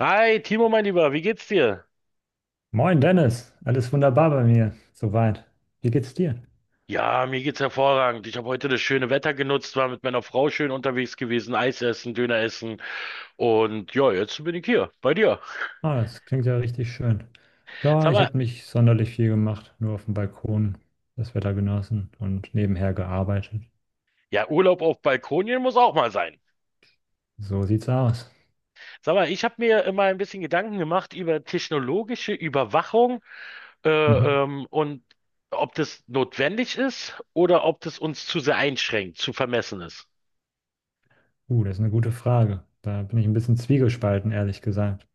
Hi, Timo, mein Lieber, wie geht's dir? Moin Dennis, alles wunderbar bei mir, soweit. Wie geht's dir? Ja, mir geht's hervorragend. Ich habe heute das schöne Wetter genutzt, war mit meiner Frau schön unterwegs gewesen, Eis essen, Döner essen und ja, jetzt bin ich hier bei dir. Ah, das klingt ja richtig schön. Ja, Sag ich mal, habe nicht sonderlich viel gemacht, nur auf dem Balkon das Wetter genossen und nebenher gearbeitet. ja, Urlaub auf Balkonien muss auch mal sein. So sieht's aus. Sag mal, ich habe mir immer ein bisschen Gedanken gemacht über technologische Überwachung äh, Mhm. ähm, und ob das notwendig ist oder ob das uns zu sehr einschränkt, zu vermessen ist. Das ist eine gute Frage. Da bin ich ein bisschen zwiegespalten, ehrlich gesagt.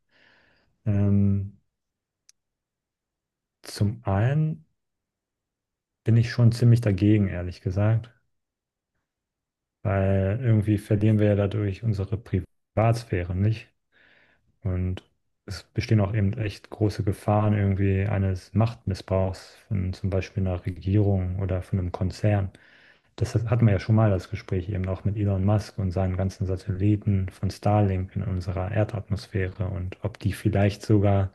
Ähm, Zum einen bin ich schon ziemlich dagegen, ehrlich gesagt, weil irgendwie verlieren wir ja dadurch unsere Privatsphäre, nicht? Und es bestehen auch eben echt große Gefahren irgendwie eines Machtmissbrauchs von zum Beispiel einer Regierung oder von einem Konzern. Das hatten wir ja schon mal das Gespräch eben auch mit Elon Musk und seinen ganzen Satelliten von Starlink in unserer Erdatmosphäre und ob die vielleicht sogar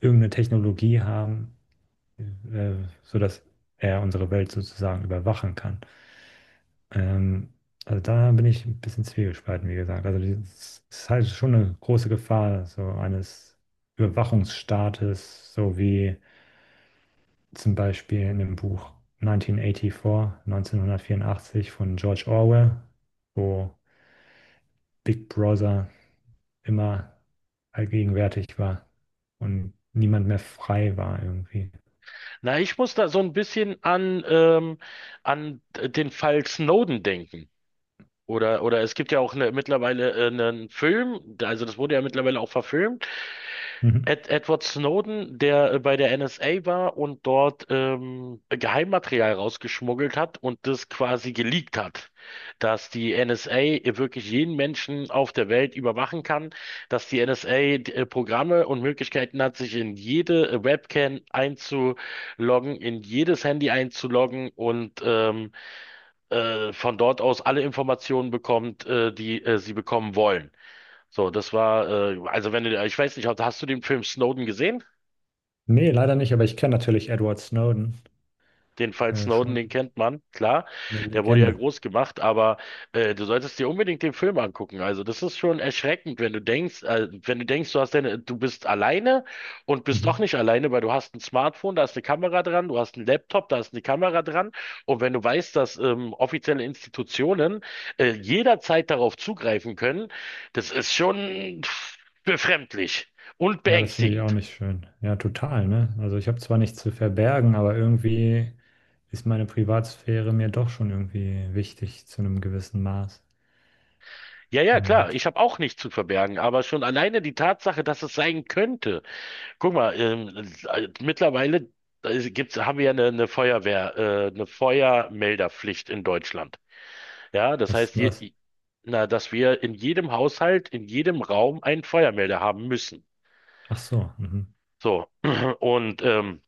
irgendeine Technologie haben, äh, sodass er unsere Welt sozusagen überwachen kann. Ähm, also da bin ich ein bisschen zwiegespalten, wie gesagt. Also es ist halt schon eine große Gefahr so eines Überwachungsstaates, so wie zum Beispiel in dem Buch 1984, 1984 von George Orwell, wo Big Brother immer allgegenwärtig war und niemand mehr frei war irgendwie. Na, ich muss da so ein bisschen an, an den Fall Snowden denken. Oder es gibt ja auch eine, mittlerweile einen Film, also das wurde ja mittlerweile auch verfilmt. Mhm. Edward Snowden, der bei der NSA war und dort Geheimmaterial rausgeschmuggelt hat und das quasi geleakt hat, dass die NSA wirklich jeden Menschen auf der Welt überwachen kann, dass die NSA Programme und Möglichkeiten hat, sich in jede Webcam einzuloggen, in jedes Handy einzuloggen und von dort aus alle Informationen bekommt, die sie bekommen wollen. So, das war, also wenn du, ich weiß nicht, hast du den Film Snowden gesehen? Nee, leider nicht, aber ich kenne natürlich Edward Snowden, Den Fall Snowden, schon den kennt man, klar. eine Der wurde ja Legende. groß gemacht, aber du solltest dir unbedingt den Film angucken. Also das ist schon erschreckend, wenn du denkst, wenn du denkst, du hast deine, du bist alleine und bist doch Mhm. nicht alleine, weil du hast ein Smartphone, da ist eine Kamera dran, du hast einen Laptop, da ist eine Kamera dran. Und wenn du weißt, dass offizielle Institutionen jederzeit darauf zugreifen können, das ist schon befremdlich und Ja, das finde ich auch beängstigend. nicht schön. Ja, total, ne? Also ich habe zwar nichts zu verbergen, aber irgendwie ist meine Privatsphäre mir doch schon irgendwie wichtig zu einem gewissen Maß. Ja, ja, klar, Und ich habe auch nichts zu verbergen, aber schon alleine die Tatsache, dass es sein könnte. Guck mal, mittlerweile gibt's, haben wir ja eine eine Feuermelderpflicht in Deutschland. Ja, das was ist heißt, denn das? Na, dass wir in jedem Haushalt, in jedem Raum einen Feuermelder haben müssen. Ach so, mhm. So, und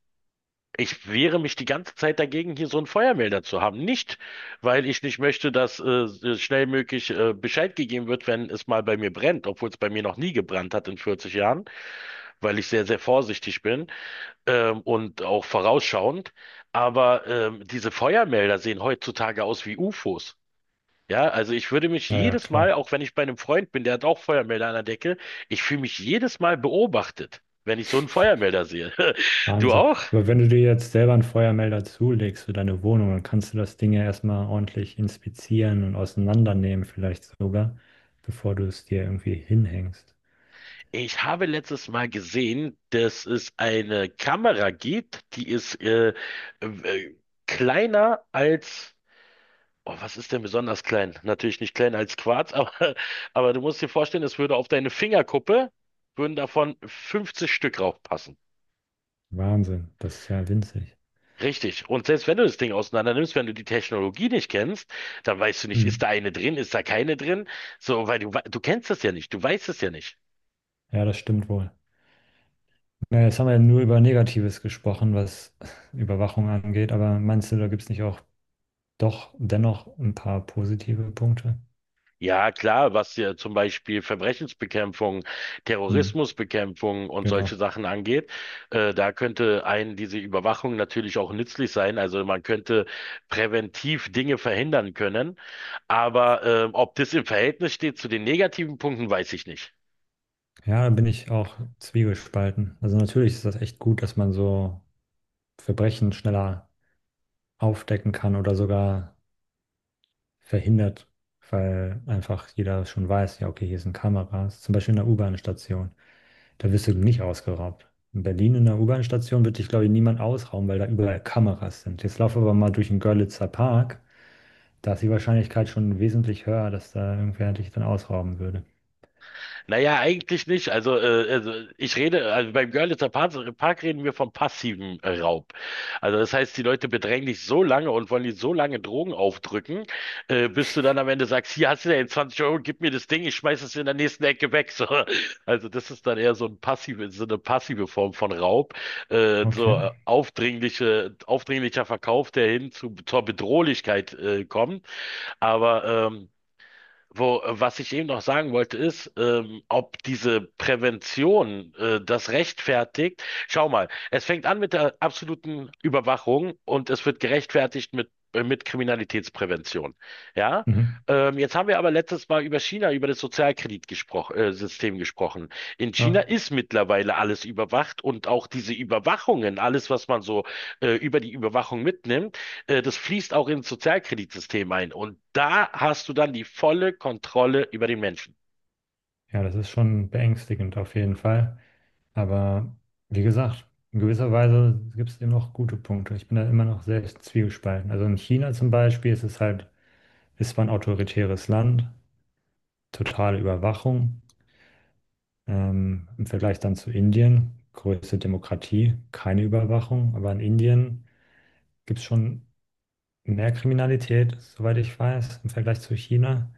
ich wehre mich die ganze Zeit dagegen, hier so einen Feuermelder zu haben. Nicht, weil ich nicht möchte, dass so schnell möglich Bescheid gegeben wird, wenn es mal bei mir brennt, obwohl es bei mir noch nie gebrannt hat in 40 Jahren, weil ich sehr, sehr vorsichtig bin und auch vorausschauend. Aber diese Feuermelder sehen heutzutage aus wie UFOs. Ja, also ich würde mich Naja, jedes Mal, klar. auch wenn ich bei einem Freund bin, der hat auch Feuermelder an der Decke, ich fühle mich jedes Mal beobachtet, wenn ich so einen Feuermelder sehe. Du Wahnsinn. auch? Aber wenn du dir jetzt selber einen Feuermelder zulegst für deine Wohnung, dann kannst du das Ding ja erstmal ordentlich inspizieren und auseinandernehmen, vielleicht sogar, bevor du es dir irgendwie hinhängst. Ich habe letztes Mal gesehen, dass es eine Kamera gibt, die ist äh, kleiner als, oh, was ist denn besonders klein? Natürlich nicht kleiner als Quarz, aber du musst dir vorstellen, es würde auf deine Fingerkuppe, würden davon 50 Stück raufpassen. Wahnsinn, das ist ja winzig. Richtig. Und selbst wenn du das Ding auseinander nimmst, wenn du die Technologie nicht kennst, dann weißt du nicht, ist Mhm. da eine drin, ist da keine drin? So, weil du kennst das ja nicht, du weißt es ja nicht. Ja, das stimmt wohl. Ja, jetzt haben wir ja nur über Negatives gesprochen, was Überwachung angeht, aber meinst du, da gibt es nicht auch doch dennoch ein paar positive Punkte? Ja, klar, was ja zum Beispiel Verbrechensbekämpfung, Hm, Terrorismusbekämpfung und solche genau. Sachen angeht, da könnte einen diese Überwachung natürlich auch nützlich sein. Also man könnte präventiv Dinge verhindern können. Aber ob das im Verhältnis steht zu den negativen Punkten, weiß ich nicht. Ja, da bin ich auch zwiegespalten. Also natürlich ist das echt gut, dass man so Verbrechen schneller aufdecken kann oder sogar verhindert, weil einfach jeder schon weiß, ja, okay, hier sind Kameras, zum Beispiel in der U-Bahn-Station. Da wirst du nicht ausgeraubt. In Berlin in der U-Bahn-Station wird dich, glaube ich, niemand ausrauben, weil da überall Kameras sind. Jetzt laufe aber mal durch den Görlitzer Park. Da ist die Wahrscheinlichkeit schon wesentlich höher, dass da irgendwer dich dann ausrauben würde. Naja, eigentlich nicht. Also, also ich rede, also beim Park reden wir vom passiven Raub. Also das heißt, die Leute bedrängen dich so lange und wollen dir so lange Drogen aufdrücken, bis du dann am Ende sagst, hier hast du ja 20 Euro, gib mir das Ding, ich schmeiß es in der nächsten Ecke weg. So. Also das ist dann eher so ein passive, so eine passive Form von Raub. Okay. Aufdringliche, aufdringlicher Verkauf, der hin zur Bedrohlichkeit kommt. Aber wo, was ich eben noch sagen wollte, ist, ob diese Prävention das rechtfertigt. Schau mal, es fängt an mit der absoluten Überwachung und es wird gerechtfertigt mit Kriminalitätsprävention. Ja? Mhm. Jetzt haben wir aber letztes Mal über China, über das Sozialkreditsystem gespro System gesprochen. In China Ja. ist mittlerweile alles überwacht und auch diese Überwachungen, alles, was man so über die Überwachung mitnimmt, das fließt auch ins Sozialkreditsystem ein. Und da hast du dann die volle Kontrolle über den Menschen. Ja, das ist schon beängstigend auf jeden Fall. Aber wie gesagt, in gewisser Weise gibt es eben noch gute Punkte. Ich bin da immer noch sehr zwiegespalten. Also in China zum Beispiel ist es halt, ist zwar ein autoritäres Land, totale Überwachung. Im Vergleich dann zu Indien, größte Demokratie, keine Überwachung, aber in Indien gibt es schon mehr Kriminalität, soweit ich weiß, im Vergleich zu China,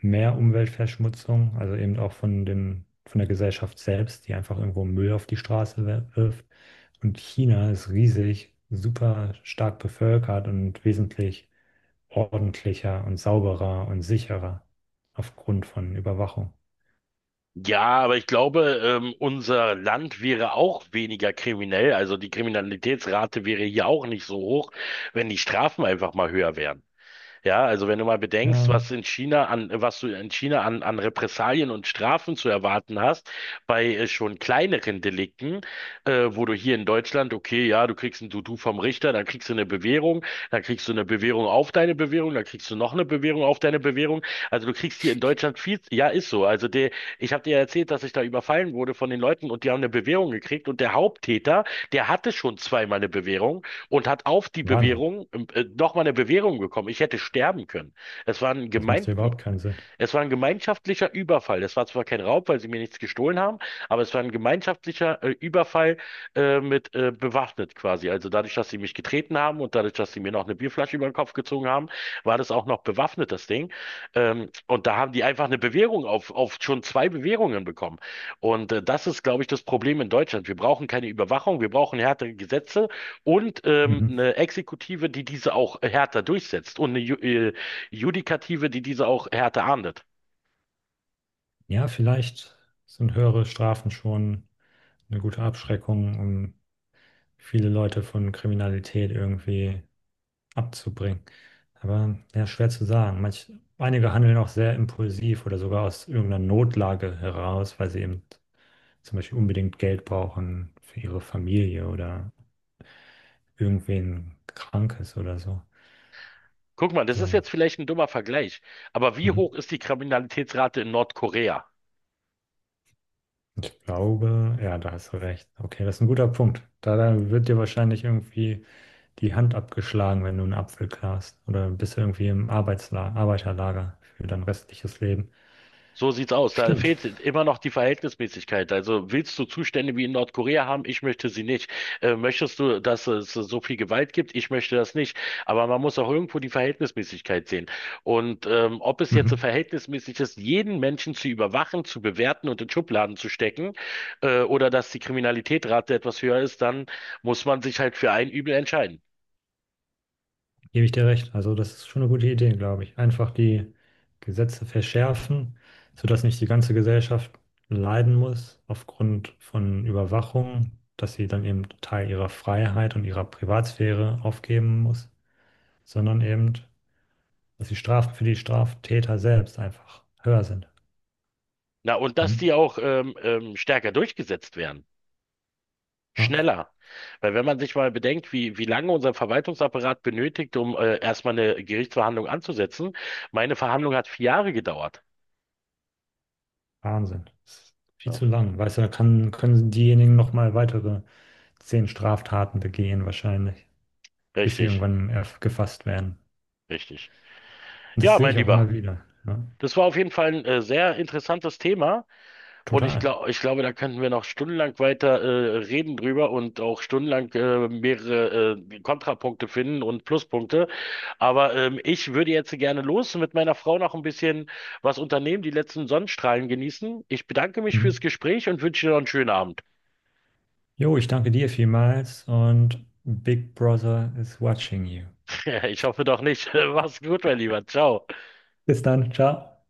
mehr Umweltverschmutzung, also eben auch von dem, von der Gesellschaft selbst, die einfach irgendwo Müll auf die Straße wirft. Und China ist riesig, super stark bevölkert und wesentlich ordentlicher und sauberer und sicherer aufgrund von Überwachung. Ja, aber ich glaube, unser Land wäre auch weniger kriminell. Also die Kriminalitätsrate wäre hier auch nicht so hoch, wenn die Strafen einfach mal höher wären. Ja, also wenn du mal bedenkst, Ja, was was du in China an, an Repressalien und Strafen zu erwarten hast, bei schon kleineren Delikten, wo du hier in Deutschland, okay, ja, du kriegst ein Dudu vom Richter, dann kriegst du eine Bewährung, dann kriegst du eine Bewährung auf deine Bewährung, dann kriegst du noch eine Bewährung auf deine Bewährung. Also du kriegst hier in Deutschland viel, ja, ist so. Also der, ich habe dir ja erzählt, dass ich da überfallen wurde von den Leuten und die haben eine Bewährung gekriegt und der Haupttäter, der hatte schon zweimal eine Bewährung und hat auf die Wahnsinn. Bewährung nochmal eine Bewährung bekommen. Ich hätte sterben können. Es war Das macht ja überhaupt keinen Sinn. es war ein gemeinschaftlicher Überfall. Es war zwar kein Raub, weil sie mir nichts gestohlen haben, aber es war ein gemeinschaftlicher Überfall mit bewaffnet quasi. Also dadurch, dass sie mich getreten haben und dadurch, dass sie mir noch eine Bierflasche über den Kopf gezogen haben, war das auch noch bewaffnet, das Ding. Und da haben die einfach eine Bewährung auf schon zwei Bewährungen bekommen. Und das ist, glaube ich, das Problem in Deutschland. Wir brauchen keine Überwachung, wir brauchen härtere Gesetze und Mhm. eine Exekutive, die diese auch härter durchsetzt und eine Judikative, die diese auch Härte ahndet. Ja, vielleicht sind höhere Strafen schon eine gute Abschreckung, um viele Leute von Kriminalität irgendwie abzubringen. Aber ja, schwer zu sagen. Einige handeln auch sehr impulsiv oder sogar aus irgendeiner Notlage heraus, weil sie eben zum Beispiel unbedingt Geld brauchen für ihre Familie oder irgendwen Krankes oder so. Guck mal, das ist So, jetzt vielleicht ein dummer Vergleich, aber wie mhm. hoch ist die Kriminalitätsrate in Nordkorea? Ich glaube, ja, da hast du recht. Okay, das ist ein guter Punkt. Da, da wird dir wahrscheinlich irgendwie die Hand abgeschlagen, wenn du einen Apfel klarst. Oder bist du irgendwie im Arbeitsla Arbeiterlager für dein restliches Leben. So sieht's aus. Da Stimmt. fehlt immer noch die Verhältnismäßigkeit. Also willst du Zustände wie in Nordkorea haben? Ich möchte sie nicht. Möchtest du, dass es so viel Gewalt gibt? Ich möchte das nicht. Aber man muss auch irgendwo die Verhältnismäßigkeit sehen. Und ob es jetzt so Mhm. verhältnismäßig ist, jeden Menschen zu überwachen, zu bewerten und in Schubladen zu stecken, oder dass die Kriminalitätsrate etwas höher ist, dann muss man sich halt für ein Übel entscheiden. Gebe ich dir recht. Also das ist schon eine gute Idee, glaube ich. Einfach die Gesetze verschärfen, sodass nicht die ganze Gesellschaft leiden muss aufgrund von Überwachung, dass sie dann eben Teil ihrer Freiheit und ihrer Privatsphäre aufgeben muss, sondern eben, dass die Strafen für die Straftäter selbst einfach höher sind. Na, und dass die Mhm. auch stärker durchgesetzt werden. Ja. Schneller. Weil wenn man sich mal bedenkt, wie, wie lange unser Verwaltungsapparat benötigt, um erstmal eine Gerichtsverhandlung anzusetzen, meine Verhandlung hat 4 Jahre gedauert. Wahnsinn. Das ist viel Ja. zu lang. Weißt du, da kann, können diejenigen noch mal weitere 10 Straftaten begehen, wahrscheinlich, bis sie Richtig, irgendwann gefasst werden. richtig. Und das Ja, sehe mein ich auch Lieber, immer wieder. Ja? das war auf jeden Fall ein sehr interessantes Thema. Und Total. Ich glaube, da könnten wir noch stundenlang weiter reden drüber und auch stundenlang mehrere Kontrapunkte finden und Pluspunkte. Aber ich würde jetzt gerne los und mit meiner Frau noch ein bisschen was unternehmen, die letzten Sonnenstrahlen genießen. Ich bedanke mich fürs Mhm. Gespräch und wünsche dir noch einen schönen Abend. Jo, ich danke dir vielmals und Big Brother is watching you. Ich hoffe doch nicht. Mach's gut, mein Lieber. Ciao. Bis dann. Ciao.